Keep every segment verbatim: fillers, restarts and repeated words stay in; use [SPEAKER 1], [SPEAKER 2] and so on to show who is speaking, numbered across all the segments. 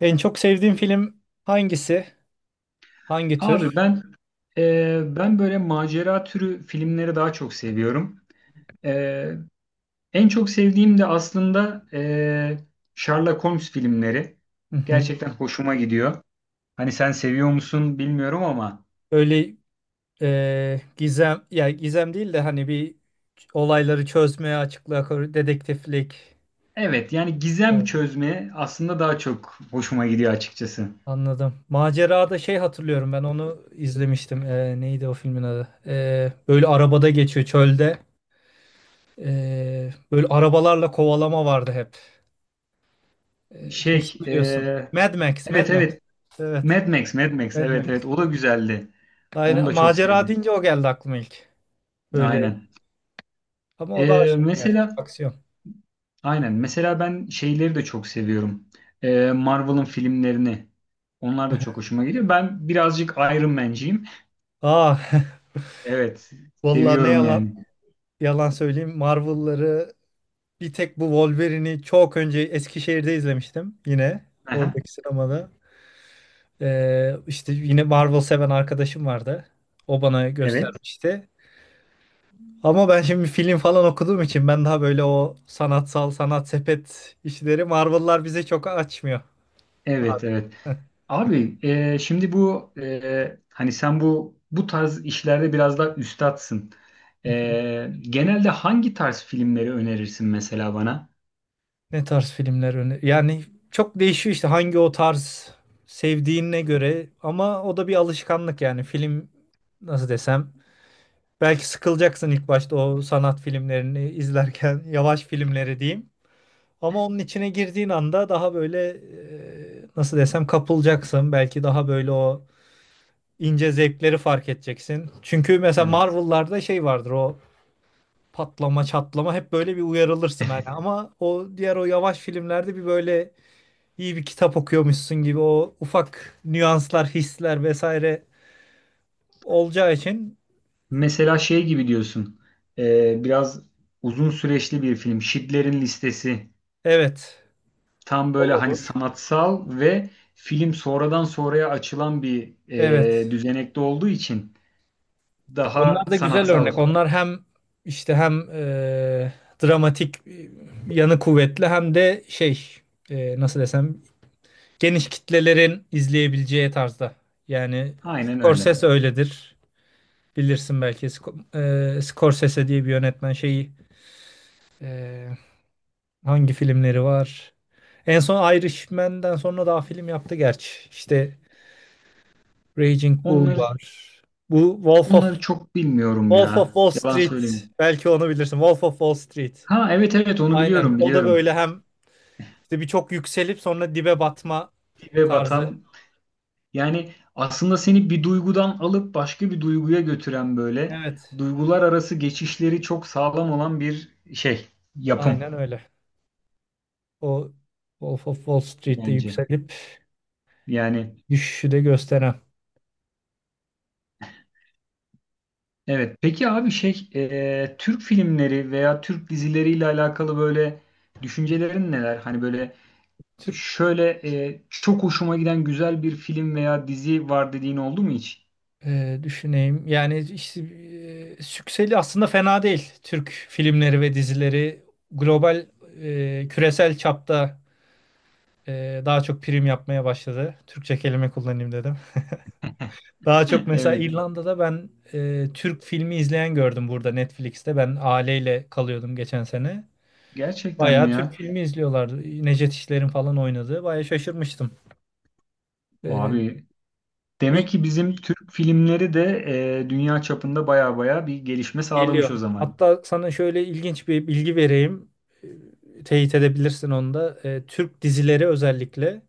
[SPEAKER 1] En çok sevdiğin film hangisi? Hangi
[SPEAKER 2] Abi
[SPEAKER 1] tür?
[SPEAKER 2] ben e, ben böyle macera türü filmleri daha çok seviyorum. E, En çok sevdiğim de aslında e, Sherlock Holmes filmleri.
[SPEAKER 1] Hı hı.
[SPEAKER 2] Gerçekten hoşuma gidiyor. Hani sen seviyor musun bilmiyorum ama
[SPEAKER 1] Böyle e, gizem ya gizem değil de hani bir olayları çözmeye, açıklığa, kavur- dedektiflik.
[SPEAKER 2] evet, yani gizem
[SPEAKER 1] Evet,
[SPEAKER 2] çözme aslında daha çok hoşuma gidiyor açıkçası.
[SPEAKER 1] anladım. Macerada şey hatırlıyorum, ben onu izlemiştim. E, neydi o filmin adı? E, böyle arabada geçiyor çölde. E, böyle arabalarla kovalama vardı hep. E, kesin
[SPEAKER 2] Şey
[SPEAKER 1] biliyorsun.
[SPEAKER 2] e,
[SPEAKER 1] Mad Max, Mad
[SPEAKER 2] evet,
[SPEAKER 1] Max.
[SPEAKER 2] evet,
[SPEAKER 1] Evet,
[SPEAKER 2] Mad Max, Mad Max,
[SPEAKER 1] Mad
[SPEAKER 2] evet evet,
[SPEAKER 1] Max.
[SPEAKER 2] o da güzeldi. Onu
[SPEAKER 1] Aynen,
[SPEAKER 2] da çok
[SPEAKER 1] macera
[SPEAKER 2] sevdim.
[SPEAKER 1] deyince o geldi aklıma ilk. Böyle
[SPEAKER 2] Aynen.
[SPEAKER 1] ama o daha
[SPEAKER 2] E,
[SPEAKER 1] şey, gerçi
[SPEAKER 2] mesela.
[SPEAKER 1] aksiyon.
[SPEAKER 2] Aynen. Mesela ben şeyleri de çok seviyorum. Ee, Marvel'ın filmlerini. Onlar da çok hoşuma gidiyor. Ben birazcık Iron Man'ciyim.
[SPEAKER 1] Aa,
[SPEAKER 2] Evet.
[SPEAKER 1] vallahi ne
[SPEAKER 2] Seviyorum
[SPEAKER 1] yalan
[SPEAKER 2] yani.
[SPEAKER 1] yalan söyleyeyim. Marvel'ları bir tek bu Wolverine'i çok önce Eskişehir'de izlemiştim, yine
[SPEAKER 2] Aha,
[SPEAKER 1] oradaki sinemada. Ee, işte yine Marvel seven arkadaşım vardı. O bana
[SPEAKER 2] evet.
[SPEAKER 1] göstermişti. Ama ben şimdi film falan okuduğum için ben daha böyle o sanatsal sanat sepet işleri, Marvel'lar bize çok açmıyor.
[SPEAKER 2] Evet, evet. Abi e, şimdi bu e, hani sen bu bu tarz işlerde biraz daha üstatsın. E, Genelde hangi tarz filmleri önerirsin mesela bana?
[SPEAKER 1] Ne tarz filmler öne... Yani çok değişiyor işte, hangi o tarz sevdiğine göre, ama o da bir alışkanlık. Yani film, nasıl desem, belki sıkılacaksın ilk başta o sanat filmlerini izlerken, yavaş filmleri diyeyim. Ama onun içine girdiğin anda daha böyle, e, nasıl desem, kapılacaksın. Belki daha böyle o ince zevkleri fark edeceksin. Çünkü mesela
[SPEAKER 2] Evet.
[SPEAKER 1] Marvel'larda şey vardır, o patlama çatlama, hep böyle bir uyarılırsın hani, ama o diğer o yavaş filmlerde bir böyle iyi bir kitap okuyormuşsun gibi o ufak nüanslar, hisler vesaire olacağı için
[SPEAKER 2] Mesela şey gibi diyorsun. E, biraz uzun süreçli bir film. Schindler'in Listesi.
[SPEAKER 1] evet,
[SPEAKER 2] Tam böyle hani sanatsal ve film sonradan sonraya açılan bir
[SPEAKER 1] evet.
[SPEAKER 2] e, düzenekte olduğu için
[SPEAKER 1] Onlar
[SPEAKER 2] daha
[SPEAKER 1] da güzel
[SPEAKER 2] sanatsal.
[SPEAKER 1] örnek. Onlar hem işte hem e, dramatik e, yanı kuvvetli, hem de şey, e, nasıl desem, geniş kitlelerin izleyebileceği tarzda. Yani
[SPEAKER 2] Aynen öyle.
[SPEAKER 1] Scorsese öyledir. Bilirsin belki, Sco- e, Scorsese diye bir yönetmen şeyi, e, hangi filmleri var? En son Irishman'den sonra daha film yaptı gerçi. İşte Raging Bull
[SPEAKER 2] Onları
[SPEAKER 1] var. Bu Wolf of
[SPEAKER 2] onları çok bilmiyorum
[SPEAKER 1] Wolf of
[SPEAKER 2] ya.
[SPEAKER 1] Wall
[SPEAKER 2] Yalan
[SPEAKER 1] Street.
[SPEAKER 2] söyleyeyim.
[SPEAKER 1] Belki onu bilirsin. Wolf of Wall Street.
[SPEAKER 2] Ha evet evet, onu
[SPEAKER 1] Aynen.
[SPEAKER 2] biliyorum,
[SPEAKER 1] O da
[SPEAKER 2] biliyorum.
[SPEAKER 1] böyle hem işte birçok yükselip sonra dibe batma
[SPEAKER 2] Dibe
[SPEAKER 1] tarzı.
[SPEAKER 2] batan, yani aslında seni bir duygudan alıp başka bir duyguya götüren böyle
[SPEAKER 1] Evet.
[SPEAKER 2] duygular arası geçişleri çok sağlam olan bir şey, yapım
[SPEAKER 1] Aynen öyle. O Wolf of Wall Street'te
[SPEAKER 2] bence.
[SPEAKER 1] yükselip
[SPEAKER 2] Yani
[SPEAKER 1] düşüşü de gösteren.
[SPEAKER 2] evet. Peki abi şey e, Türk filmleri veya Türk dizileriyle alakalı böyle düşüncelerin neler? Hani böyle
[SPEAKER 1] Türk...
[SPEAKER 2] şöyle e, çok hoşuma giden güzel bir film veya dizi var dediğin oldu mu hiç?
[SPEAKER 1] Ee, düşüneyim. Yani işte, e, Sükseli aslında fena değil. Türk filmleri ve dizileri global, e, küresel çapta e, daha çok prim yapmaya başladı. Türkçe kelime kullanayım dedim. Daha çok mesela
[SPEAKER 2] Evet.
[SPEAKER 1] İrlanda'da ben e, Türk filmi izleyen gördüm burada Netflix'te. Ben aileyle kalıyordum geçen sene.
[SPEAKER 2] Gerçekten mi
[SPEAKER 1] Bayağı Türk
[SPEAKER 2] ya?
[SPEAKER 1] filmi izliyorlardı. Necdet İşler'in falan oynadığı. Bayağı şaşırmıştım. E,
[SPEAKER 2] Abi
[SPEAKER 1] bir
[SPEAKER 2] demek ki bizim Türk filmleri de e, dünya çapında baya baya bir gelişme sağlamış o
[SPEAKER 1] Geliyor.
[SPEAKER 2] zaman.
[SPEAKER 1] Hatta sana şöyle ilginç bir bilgi vereyim. E, Teyit edebilirsin onu da. E, Türk dizileri özellikle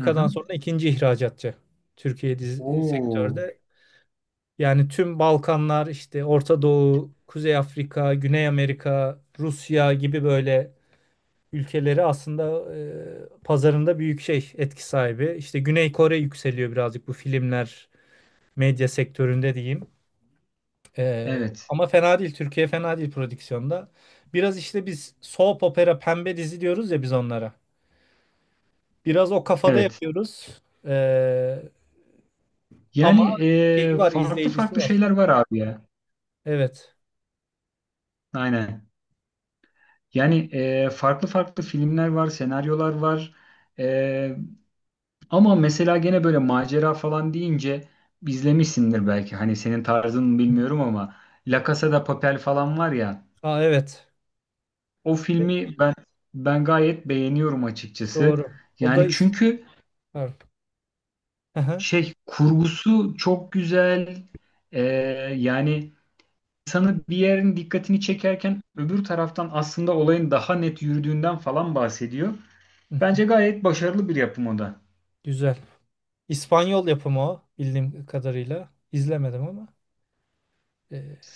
[SPEAKER 2] Hı hı.
[SPEAKER 1] sonra ikinci ihracatçı. Türkiye dizi e,
[SPEAKER 2] Oo.
[SPEAKER 1] sektörde. Yani tüm Balkanlar, işte Orta Doğu, Kuzey Afrika, Güney Amerika, Rusya gibi böyle ülkeleri aslında e, pazarında büyük şey, etki sahibi. İşte Güney Kore yükseliyor birazcık bu filmler medya sektöründe diyeyim. Ee,
[SPEAKER 2] Evet.
[SPEAKER 1] ama fena değil. Türkiye fena değil prodüksiyonda. Biraz işte biz soap opera, pembe dizi diyoruz ya biz onlara. Biraz o kafada
[SPEAKER 2] Evet.
[SPEAKER 1] yapıyoruz. Ee, ama
[SPEAKER 2] Yani
[SPEAKER 1] şeyi
[SPEAKER 2] e,
[SPEAKER 1] var,
[SPEAKER 2] farklı
[SPEAKER 1] izleyicisi
[SPEAKER 2] farklı
[SPEAKER 1] var.
[SPEAKER 2] şeyler var abi ya.
[SPEAKER 1] Evet.
[SPEAKER 2] Aynen. Yani e, farklı farklı filmler var, senaryolar var. E, Ama mesela gene böyle macera falan deyince izlemişsindir belki. Hani senin tarzın mı
[SPEAKER 1] Hı hı.
[SPEAKER 2] bilmiyorum ama La Casa de Papel falan var ya.
[SPEAKER 1] Aa, evet.
[SPEAKER 2] O
[SPEAKER 1] E,
[SPEAKER 2] filmi ben ben gayet beğeniyorum açıkçası.
[SPEAKER 1] doğru. O da
[SPEAKER 2] Yani
[SPEAKER 1] is
[SPEAKER 2] çünkü
[SPEAKER 1] Pardon. Hı hı.
[SPEAKER 2] şey kurgusu çok güzel. E, yani insanı bir yerin dikkatini çekerken öbür taraftan aslında olayın daha net yürüdüğünden falan bahsediyor.
[SPEAKER 1] Hı hı.
[SPEAKER 2] Bence gayet başarılı bir yapım o da.
[SPEAKER 1] Güzel. İspanyol yapımı o, bildiğim kadarıyla. İzlemedim ama. Ee,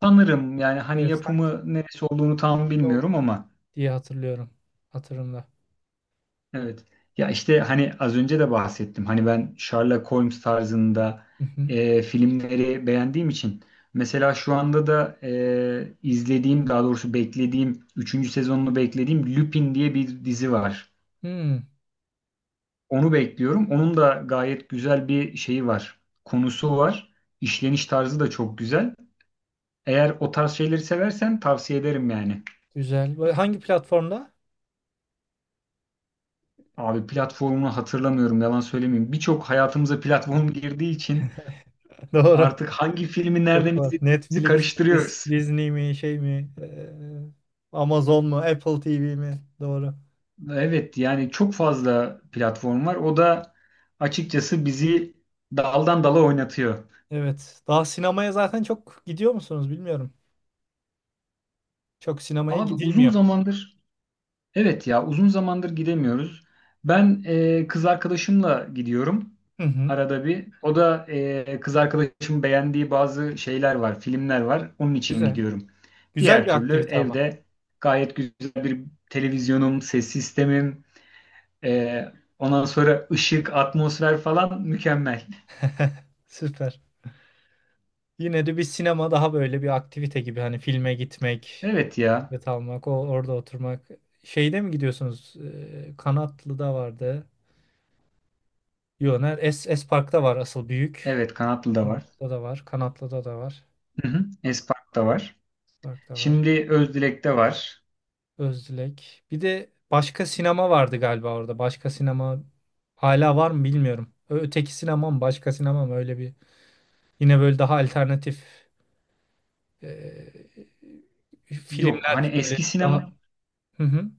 [SPEAKER 2] Sanırım yani hani
[SPEAKER 1] evet, sanki
[SPEAKER 2] yapımı neresi olduğunu tam
[SPEAKER 1] o
[SPEAKER 2] bilmiyorum ama
[SPEAKER 1] diye hatırlıyorum. Hatırımda.
[SPEAKER 2] evet. Ya işte hani az önce de bahsettim. Hani ben Sherlock Holmes tarzında
[SPEAKER 1] Hı hı.
[SPEAKER 2] e, filmleri beğendiğim için mesela şu anda da e, izlediğim, daha doğrusu beklediğim, üçüncü sezonunu beklediğim Lupin diye bir dizi var.
[SPEAKER 1] Hmm,
[SPEAKER 2] Onu bekliyorum. Onun da gayet güzel bir şeyi var. Konusu var. İşleniş tarzı da çok güzel. Eğer o tarz şeyleri seversen tavsiye ederim yani.
[SPEAKER 1] güzel. Böyle hangi platformda?
[SPEAKER 2] Abi platformunu hatırlamıyorum, yalan söylemeyeyim. Birçok hayatımıza platform girdiği için
[SPEAKER 1] Doğru.
[SPEAKER 2] artık hangi filmi
[SPEAKER 1] Çok
[SPEAKER 2] nereden
[SPEAKER 1] var.
[SPEAKER 2] izlediğimizi
[SPEAKER 1] Netflix mi, Dis-
[SPEAKER 2] karıştırıyoruz.
[SPEAKER 1] Disney mi, şey mi, eee, Amazon mu, Apple T V mi? Doğru.
[SPEAKER 2] Evet, yani çok fazla platform var. O da açıkçası bizi daldan dala oynatıyor.
[SPEAKER 1] Evet. Daha sinemaya zaten çok gidiyor musunuz bilmiyorum. Çok sinemaya
[SPEAKER 2] Abi uzun
[SPEAKER 1] gidilmiyor.
[SPEAKER 2] zamandır, evet ya, uzun zamandır gidemiyoruz. Ben e, kız arkadaşımla gidiyorum
[SPEAKER 1] Hı hı.
[SPEAKER 2] arada bir. O da e, kız arkadaşımın beğendiği bazı şeyler var, filmler var. Onun için
[SPEAKER 1] Güzel.
[SPEAKER 2] gidiyorum.
[SPEAKER 1] Güzel
[SPEAKER 2] Diğer
[SPEAKER 1] bir
[SPEAKER 2] türlü
[SPEAKER 1] aktivite ama.
[SPEAKER 2] evde gayet güzel bir televizyonum, ses sistemim, e, ondan sonra ışık, atmosfer falan mükemmel.
[SPEAKER 1] Süper. Yine de bir sinema daha böyle bir aktivite gibi. Hani filme gitmek,
[SPEAKER 2] Evet ya.
[SPEAKER 1] bilet almak, o, orada oturmak. Şeyde mi gidiyorsunuz? Eee, Kanatlı'da vardı. Yok, Es, Es parkta var asıl büyük.
[SPEAKER 2] Evet, Kanatlı da var.
[SPEAKER 1] Kanatlı'da da var. Kanatlı'da da var.
[SPEAKER 2] Hı hı. Espark var.
[SPEAKER 1] Es parkta var.
[SPEAKER 2] Şimdi Özdilek'te var.
[SPEAKER 1] Özdilek. Bir de başka sinema vardı galiba orada. Başka sinema hala var mı bilmiyorum. Ö- Öteki sinema mı, başka sinema mı, öyle bir. Yine böyle daha alternatif e,
[SPEAKER 2] Yok hani
[SPEAKER 1] filmler böyle
[SPEAKER 2] eski
[SPEAKER 1] daha
[SPEAKER 2] sinema,
[SPEAKER 1] hı hı.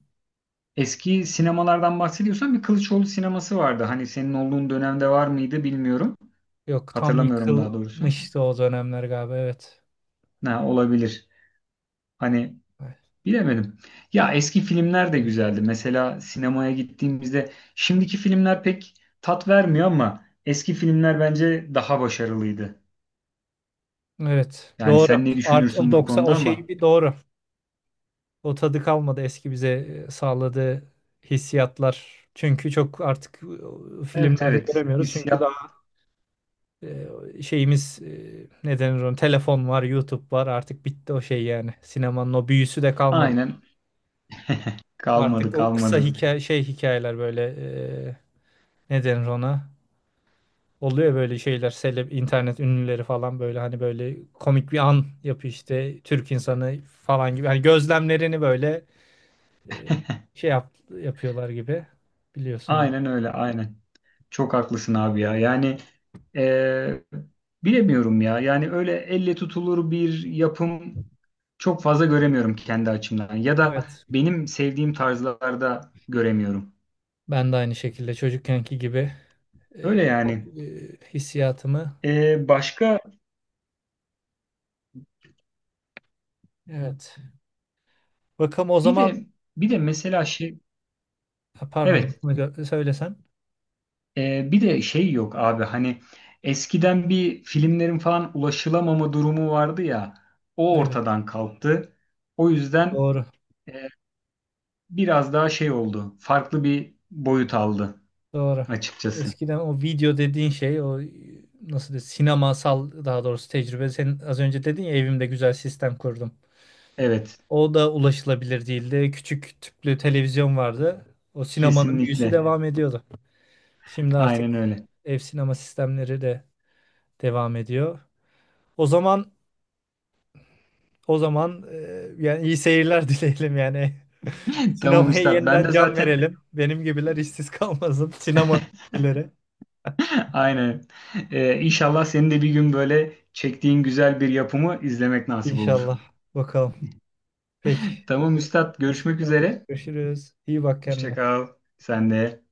[SPEAKER 2] eski sinemalardan bahsediyorsan bir Kılıçoğlu sineması vardı. Hani senin olduğun dönemde var mıydı bilmiyorum.
[SPEAKER 1] Yok, tam
[SPEAKER 2] Hatırlamıyorum daha doğrusu.
[SPEAKER 1] yıkılmıştı o dönemler galiba, evet.
[SPEAKER 2] Ne olabilir. Hani bilemedim. Ya eski filmler de güzeldi. Mesela sinemaya gittiğimizde şimdiki filmler pek tat vermiyor ama eski filmler bence daha başarılıydı.
[SPEAKER 1] Evet,
[SPEAKER 2] Yani
[SPEAKER 1] doğru.
[SPEAKER 2] sen ne
[SPEAKER 1] Art o
[SPEAKER 2] düşünürsün bu
[SPEAKER 1] doksan o
[SPEAKER 2] konuda
[SPEAKER 1] şey
[SPEAKER 2] ama
[SPEAKER 1] bir doğru. O tadı kalmadı, eski bize e, sağladığı hissiyatlar. Çünkü çok artık e,
[SPEAKER 2] evet
[SPEAKER 1] filmlerde
[SPEAKER 2] evet,
[SPEAKER 1] göremiyoruz. Çünkü
[SPEAKER 2] hissiyat
[SPEAKER 1] daha e, şeyimiz, e, ne denir ona? Telefon var, YouTube var. Artık bitti o şey yani. Sinemanın o büyüsü de kalmadı.
[SPEAKER 2] aynen, kalmadı,
[SPEAKER 1] Artık o kısa
[SPEAKER 2] kalmadı.
[SPEAKER 1] hikaye şey hikayeler böyle, e, ne denir ona? Oluyor böyle şeyler, seleb internet ünlüleri falan, böyle hani böyle komik bir an yapıyor işte Türk insanı falan gibi. Hani gözlemlerini böyle e, şey yap, yapıyorlar gibi, biliyorsun onu.
[SPEAKER 2] Aynen öyle, aynen. Çok haklısın abi ya. Yani eee, bilemiyorum ya. Yani öyle elle tutulur bir yapım çok fazla göremiyorum kendi açımdan. Ya da
[SPEAKER 1] Evet.
[SPEAKER 2] benim sevdiğim tarzlarda göremiyorum.
[SPEAKER 1] Ben de aynı şekilde çocukkenki gibi e,
[SPEAKER 2] Öyle
[SPEAKER 1] e,
[SPEAKER 2] yani.
[SPEAKER 1] hissiyatımı
[SPEAKER 2] Eee, başka
[SPEAKER 1] evet. Bakalım o
[SPEAKER 2] bir
[SPEAKER 1] zaman.
[SPEAKER 2] de bir de mesela şey,
[SPEAKER 1] Ha, pardon,
[SPEAKER 2] evet,
[SPEAKER 1] lafını gö- söylesen.
[SPEAKER 2] eee, bir de şey yok abi hani eskiden bir filmlerin falan ulaşılamama durumu vardı ya, o
[SPEAKER 1] Evet,
[SPEAKER 2] ortadan kalktı. O yüzden
[SPEAKER 1] doğru,
[SPEAKER 2] biraz daha şey oldu. Farklı bir boyut aldı
[SPEAKER 1] doğru.
[SPEAKER 2] açıkçası.
[SPEAKER 1] Eskiden o video dediğin şey, o, e, nasıl de sinemasal, daha doğrusu tecrübe. Sen az önce dedin ya, evimde güzel sistem kurdum.
[SPEAKER 2] Evet,
[SPEAKER 1] O da ulaşılabilir değildi. Küçük tüplü televizyon vardı. O sinemanın büyüsü
[SPEAKER 2] kesinlikle.
[SPEAKER 1] devam ediyordu. Şimdi artık
[SPEAKER 2] Aynen öyle.
[SPEAKER 1] ev sinema sistemleri de devam ediyor. O zaman O zaman e, yani iyi seyirler dileyelim yani.
[SPEAKER 2] Tamam
[SPEAKER 1] Sinemaya
[SPEAKER 2] üstad. Ben
[SPEAKER 1] yeniden
[SPEAKER 2] de
[SPEAKER 1] can
[SPEAKER 2] zaten
[SPEAKER 1] verelim. Benim gibiler işsiz kalmasın. Sinema dileri.
[SPEAKER 2] aynen. Ee, inşallah senin de bir gün böyle çektiğin güzel bir yapımı izlemek nasip olur.
[SPEAKER 1] İnşallah. Bakalım. Peki.
[SPEAKER 2] Tamam üstad.
[SPEAKER 1] Hoşça
[SPEAKER 2] Görüşmek
[SPEAKER 1] kal.
[SPEAKER 2] üzere.
[SPEAKER 1] Görüşürüz. İyi bak
[SPEAKER 2] Hoşça
[SPEAKER 1] kendine.
[SPEAKER 2] kal. Sen de.